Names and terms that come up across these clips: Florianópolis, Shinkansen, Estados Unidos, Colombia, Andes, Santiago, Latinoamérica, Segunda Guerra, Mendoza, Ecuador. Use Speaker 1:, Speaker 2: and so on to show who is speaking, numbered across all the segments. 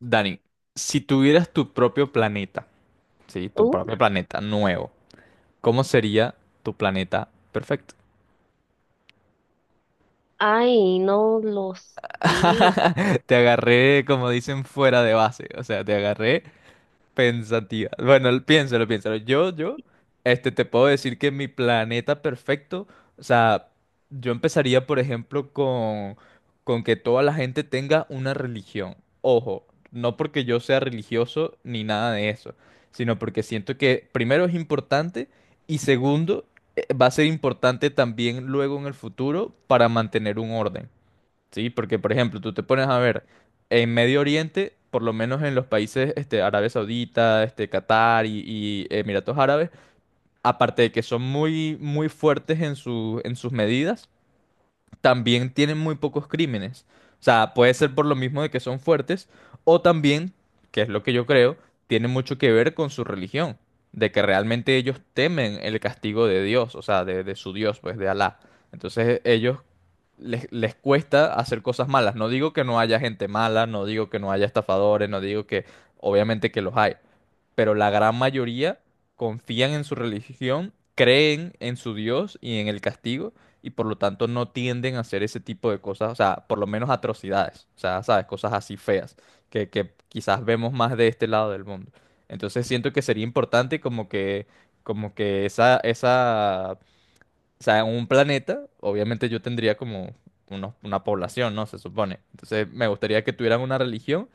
Speaker 1: Dani, si tuvieras tu propio planeta, sí, tu
Speaker 2: Uh,
Speaker 1: propio planeta nuevo, ¿cómo sería tu planeta perfecto?
Speaker 2: no lo sé.
Speaker 1: Te agarré, como dicen, fuera de base, o sea, te agarré pensativa. Bueno, piénsalo, piénsalo. Yo, te puedo decir que mi planeta perfecto, o sea, yo empezaría, por ejemplo, con que toda la gente tenga una religión. Ojo, no porque yo sea religioso ni nada de eso, sino porque siento que primero es importante y segundo, va a ser importante también luego en el futuro para mantener un orden. Sí, porque por ejemplo, tú te pones a ver en Medio Oriente, por lo menos en los países Arabia Saudita, Qatar y Emiratos Árabes, aparte de que son muy, muy fuertes en sus medidas, también tienen muy pocos crímenes. O sea, puede ser por lo mismo de que son fuertes, o también, que es lo que yo creo, tiene mucho que ver con su religión, de que realmente ellos temen el castigo de Dios, o sea, de su Dios, pues de Alá. Entonces ellos les cuesta hacer cosas malas. No digo que no haya gente mala, no digo que no haya estafadores, no digo que, obviamente que los hay, pero la gran mayoría confían en su religión, creen en su Dios y en el castigo y por lo tanto no tienden a hacer ese tipo de cosas, o sea, por lo menos atrocidades, o sea, sabes, cosas así feas, que quizás vemos más de este lado del mundo. Entonces siento que sería importante como que esa, o sea, en un planeta, obviamente yo tendría como una población, ¿no? Se supone. Entonces me gustaría que tuvieran una religión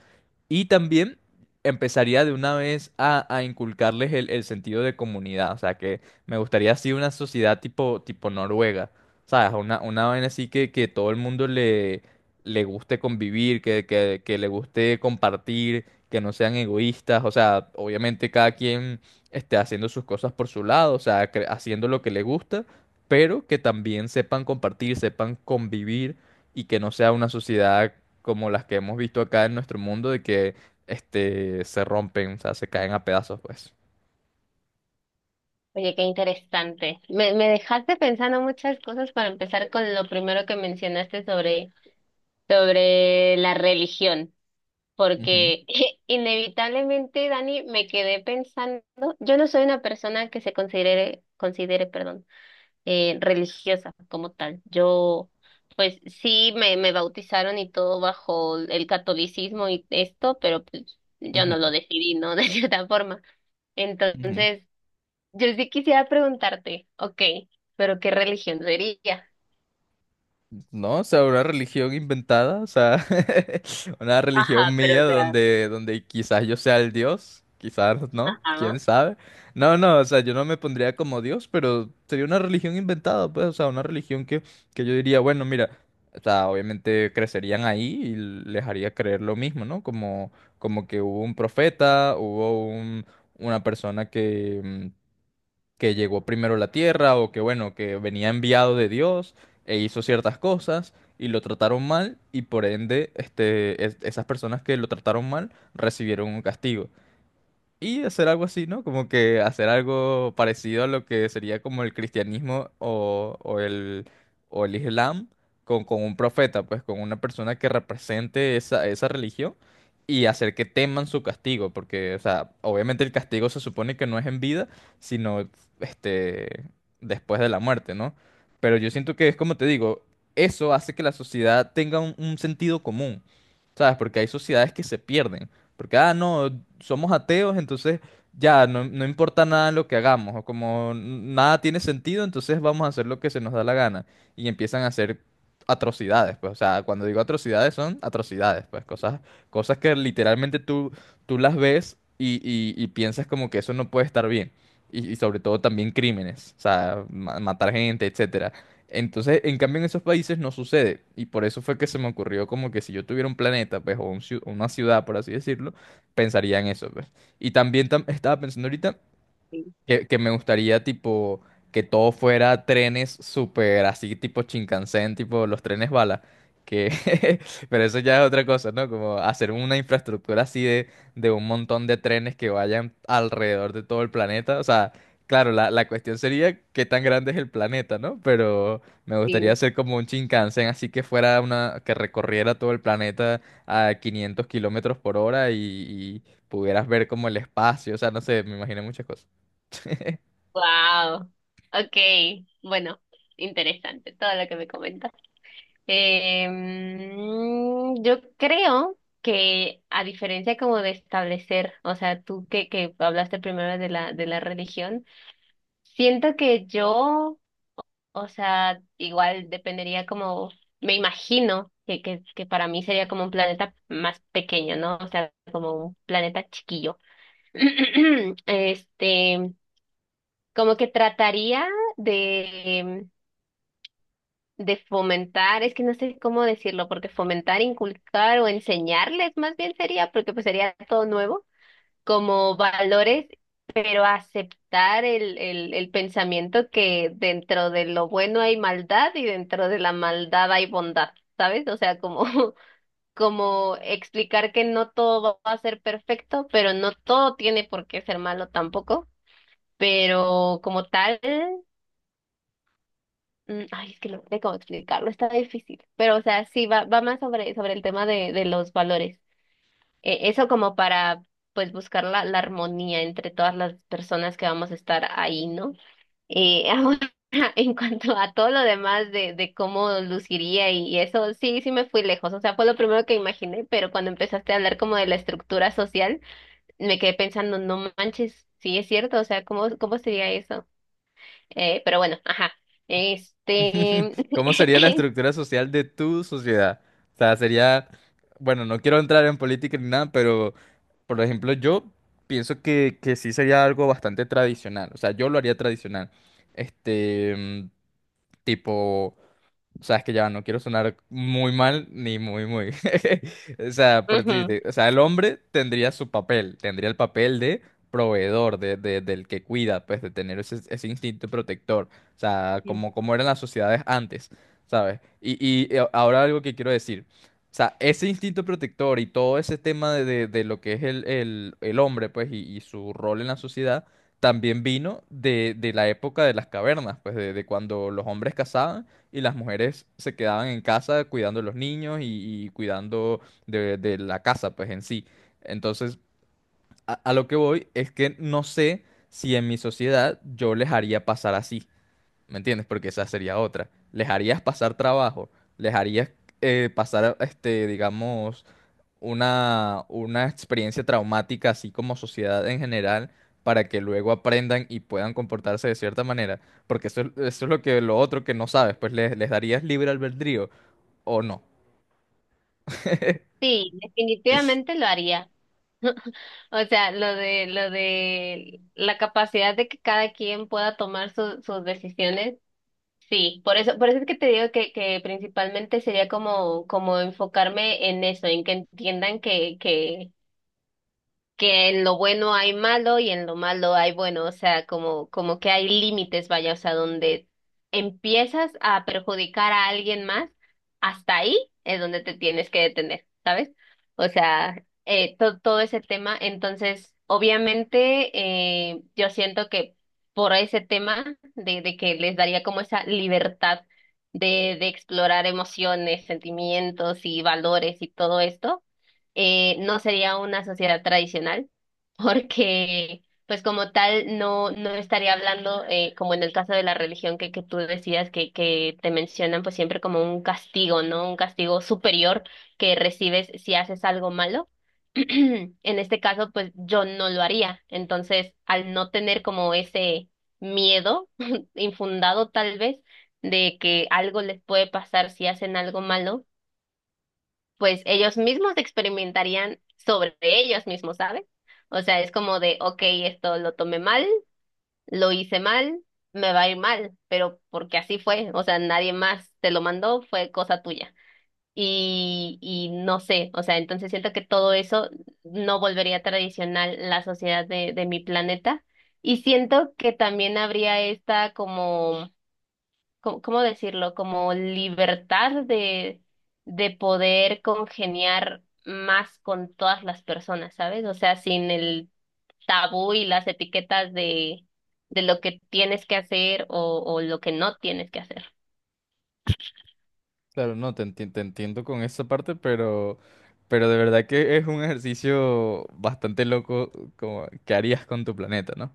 Speaker 1: y también empezaría de una vez a inculcarles el sentido de comunidad. O sea, que me gustaría así una sociedad tipo Noruega. ¿Sabes? Una vaina así que todo el mundo le guste convivir, que le guste compartir, que no sean egoístas. O sea, obviamente cada quien esté haciendo sus cosas por su lado, o sea, haciendo lo que le gusta, pero que también sepan compartir, sepan convivir y que no sea una sociedad como las que hemos visto acá en nuestro mundo, de que se rompen, o sea, se caen a pedazos, pues.
Speaker 2: Oye, qué interesante. Me dejaste pensando muchas cosas. Para empezar con lo primero que mencionaste sobre la religión,
Speaker 1: Ujú,
Speaker 2: porque inevitablemente, Dani, me quedé pensando, yo no soy una persona que se considere, perdón, religiosa como tal. Yo, pues sí, me bautizaron y todo bajo el catolicismo y esto, pero pues yo no lo
Speaker 1: ujú,
Speaker 2: decidí, ¿no? De cierta forma.
Speaker 1: ujú.
Speaker 2: Entonces, yo sí quisiera preguntarte, ok, pero ¿qué religión sería?
Speaker 1: No, o sea, una religión inventada, o sea, una religión
Speaker 2: Ajá, pero
Speaker 1: mía
Speaker 2: o sea,
Speaker 1: donde quizás yo sea el Dios, quizás no,
Speaker 2: ajá,
Speaker 1: quién sabe. No, no, o sea, yo no me pondría como Dios, pero sería una religión inventada, pues, o sea, una religión que yo diría, bueno, mira, o sea, obviamente crecerían ahí y les haría creer lo mismo, ¿no? Como, que hubo un profeta, hubo una persona que llegó primero a la tierra o que bueno, que venía enviado de Dios e hizo ciertas cosas y lo trataron mal y por ende esas personas que lo trataron mal recibieron un castigo. Y hacer algo así, ¿no? Como que hacer algo parecido a lo que sería como el cristianismo o el islam con un profeta, pues con una persona que represente esa religión y hacer que teman su castigo, porque, o sea, obviamente el castigo se supone que no es en vida, sino este, después de la muerte, ¿no? Pero yo siento que es como te digo, eso hace que la sociedad tenga un sentido común. ¿Sabes? Porque hay sociedades que se pierden. Porque, ah, no, somos ateos, entonces ya no importa nada lo que hagamos, o como nada tiene sentido, entonces vamos a hacer lo que se nos da la gana. Y empiezan a hacer atrocidades, pues, o sea, cuando digo atrocidades son atrocidades, pues, cosas que literalmente tú las ves y piensas como que eso no puede estar bien. Y sobre todo también crímenes, o sea, matar gente, etcétera. Entonces, en cambio, en esos países no sucede. Y por eso fue que se me ocurrió como que si yo tuviera un planeta, pues, o una ciudad, por así decirlo, pensaría en eso, pues. Y también estaba pensando ahorita
Speaker 2: sí.
Speaker 1: que me gustaría, tipo, que todo fuera trenes súper así, tipo Shinkansen, tipo los trenes bala. Que. Pero eso ya es otra cosa, ¿no? Como hacer una infraestructura así de un montón de trenes que vayan alrededor de todo el planeta. O sea, claro, la cuestión sería qué tan grande es el planeta, ¿no? Pero me gustaría
Speaker 2: Sí,
Speaker 1: hacer como un Shinkansen así que fuera una que recorriera todo el planeta a 500 kilómetros por hora y pudieras ver como el espacio. O sea, no sé, me imaginé muchas cosas.
Speaker 2: wow. Ok, bueno, interesante todo lo que me comentas. Yo creo que a diferencia como de establecer, o sea, tú que hablaste primero de de la religión, siento que yo. O sea, igual dependería como, me imagino que para mí sería como un planeta más pequeño, ¿no? O sea, como un planeta chiquillo. Este, como que trataría de, de fomentar, es que no sé cómo decirlo, porque fomentar, inculcar o enseñarles más bien sería, porque pues sería todo nuevo como valores, pero aceptar el pensamiento que dentro de lo bueno hay maldad y dentro de la maldad hay bondad, ¿sabes? O sea, como, como explicar que no todo va a ser perfecto, pero no todo tiene por qué ser malo tampoco. Pero como tal, es que no sé cómo explicarlo, está difícil. Pero, o sea, sí, va más sobre el tema de los valores. Eso como para pues buscar la armonía entre todas las personas que vamos a estar ahí, ¿no? Ahora, en cuanto a todo lo demás de cómo luciría y, eso, sí, sí me fui lejos, o sea, fue lo primero que imaginé, pero cuando empezaste a hablar como de la estructura social, me quedé pensando, no manches, sí es cierto, o sea, cómo sería eso? Pero bueno, ajá, este,
Speaker 1: ¿Cómo sería la estructura social de tu sociedad? O sea, sería, bueno, no quiero entrar en política ni nada, pero, por ejemplo, yo pienso que sí sería algo bastante tradicional. O sea, yo lo haría tradicional. Este, mm, tipo, O sea, es que ya no quiero sonar muy mal ni muy, muy. O sea, por
Speaker 2: ujú.
Speaker 1: decirte, o sea, el hombre tendría su papel, tendría el papel de proveedor, del que cuida, pues, de tener ese instinto protector. O sea, como eran las sociedades antes, ¿sabes? Y ahora algo que quiero decir. O sea, ese instinto protector y todo ese tema de lo que es el hombre, pues, y su rol en la sociedad, también vino de la época de las cavernas, pues, de cuando los hombres cazaban y las mujeres se quedaban en casa cuidando a los niños y cuidando de la casa, pues en sí. Entonces, a lo que voy es que no sé si en mi sociedad yo les haría pasar así, ¿me entiendes? Porque esa sería otra. Les harías pasar trabajo, les harías pasar, digamos, una experiencia traumática, así como sociedad en general, para que luego aprendan y puedan comportarse de cierta manera. Porque eso es lo que lo otro que no sabes, pues les darías libre albedrío o no.
Speaker 2: Sí, definitivamente lo haría. O sea, lo de la capacidad de que cada quien pueda tomar sus decisiones, sí. Por eso es que te digo que principalmente sería como, como enfocarme en eso, en que entiendan que en lo bueno hay malo y en lo malo hay bueno, o sea, como, como que hay límites, vaya, o sea, donde empiezas a perjudicar a alguien más, hasta ahí es donde te tienes que detener, ¿sabes? O sea, todo ese tema, entonces, obviamente, yo siento que por ese tema de que les daría como esa libertad de explorar emociones, sentimientos y valores y todo esto. No sería una sociedad tradicional, porque pues como tal no estaría hablando, como en el caso de la religión que tú decías, que te mencionan pues siempre como un castigo, ¿no? Un castigo superior que recibes si haces algo malo. En este caso, pues yo no lo haría. Entonces, al no tener como ese miedo infundado tal vez de que algo les puede pasar si hacen algo malo, pues ellos mismos experimentarían sobre ellos mismos, ¿sabes? O sea, es como de, ok, esto lo tomé mal, lo hice mal, me va a ir mal, pero porque así fue, o sea, nadie más te lo mandó, fue cosa tuya. Y no sé, o sea, entonces siento que todo eso no volvería tradicional la sociedad de mi planeta. Y siento que también habría esta como cómo decirlo? Como libertad de poder congeniar más con todas las personas, ¿sabes? O sea, sin el tabú y las etiquetas de lo que tienes que hacer o lo que no tienes que hacer.
Speaker 1: Claro, no, te entiendo con esa parte, pero, de verdad que es un ejercicio bastante loco como que harías con tu planeta, ¿no?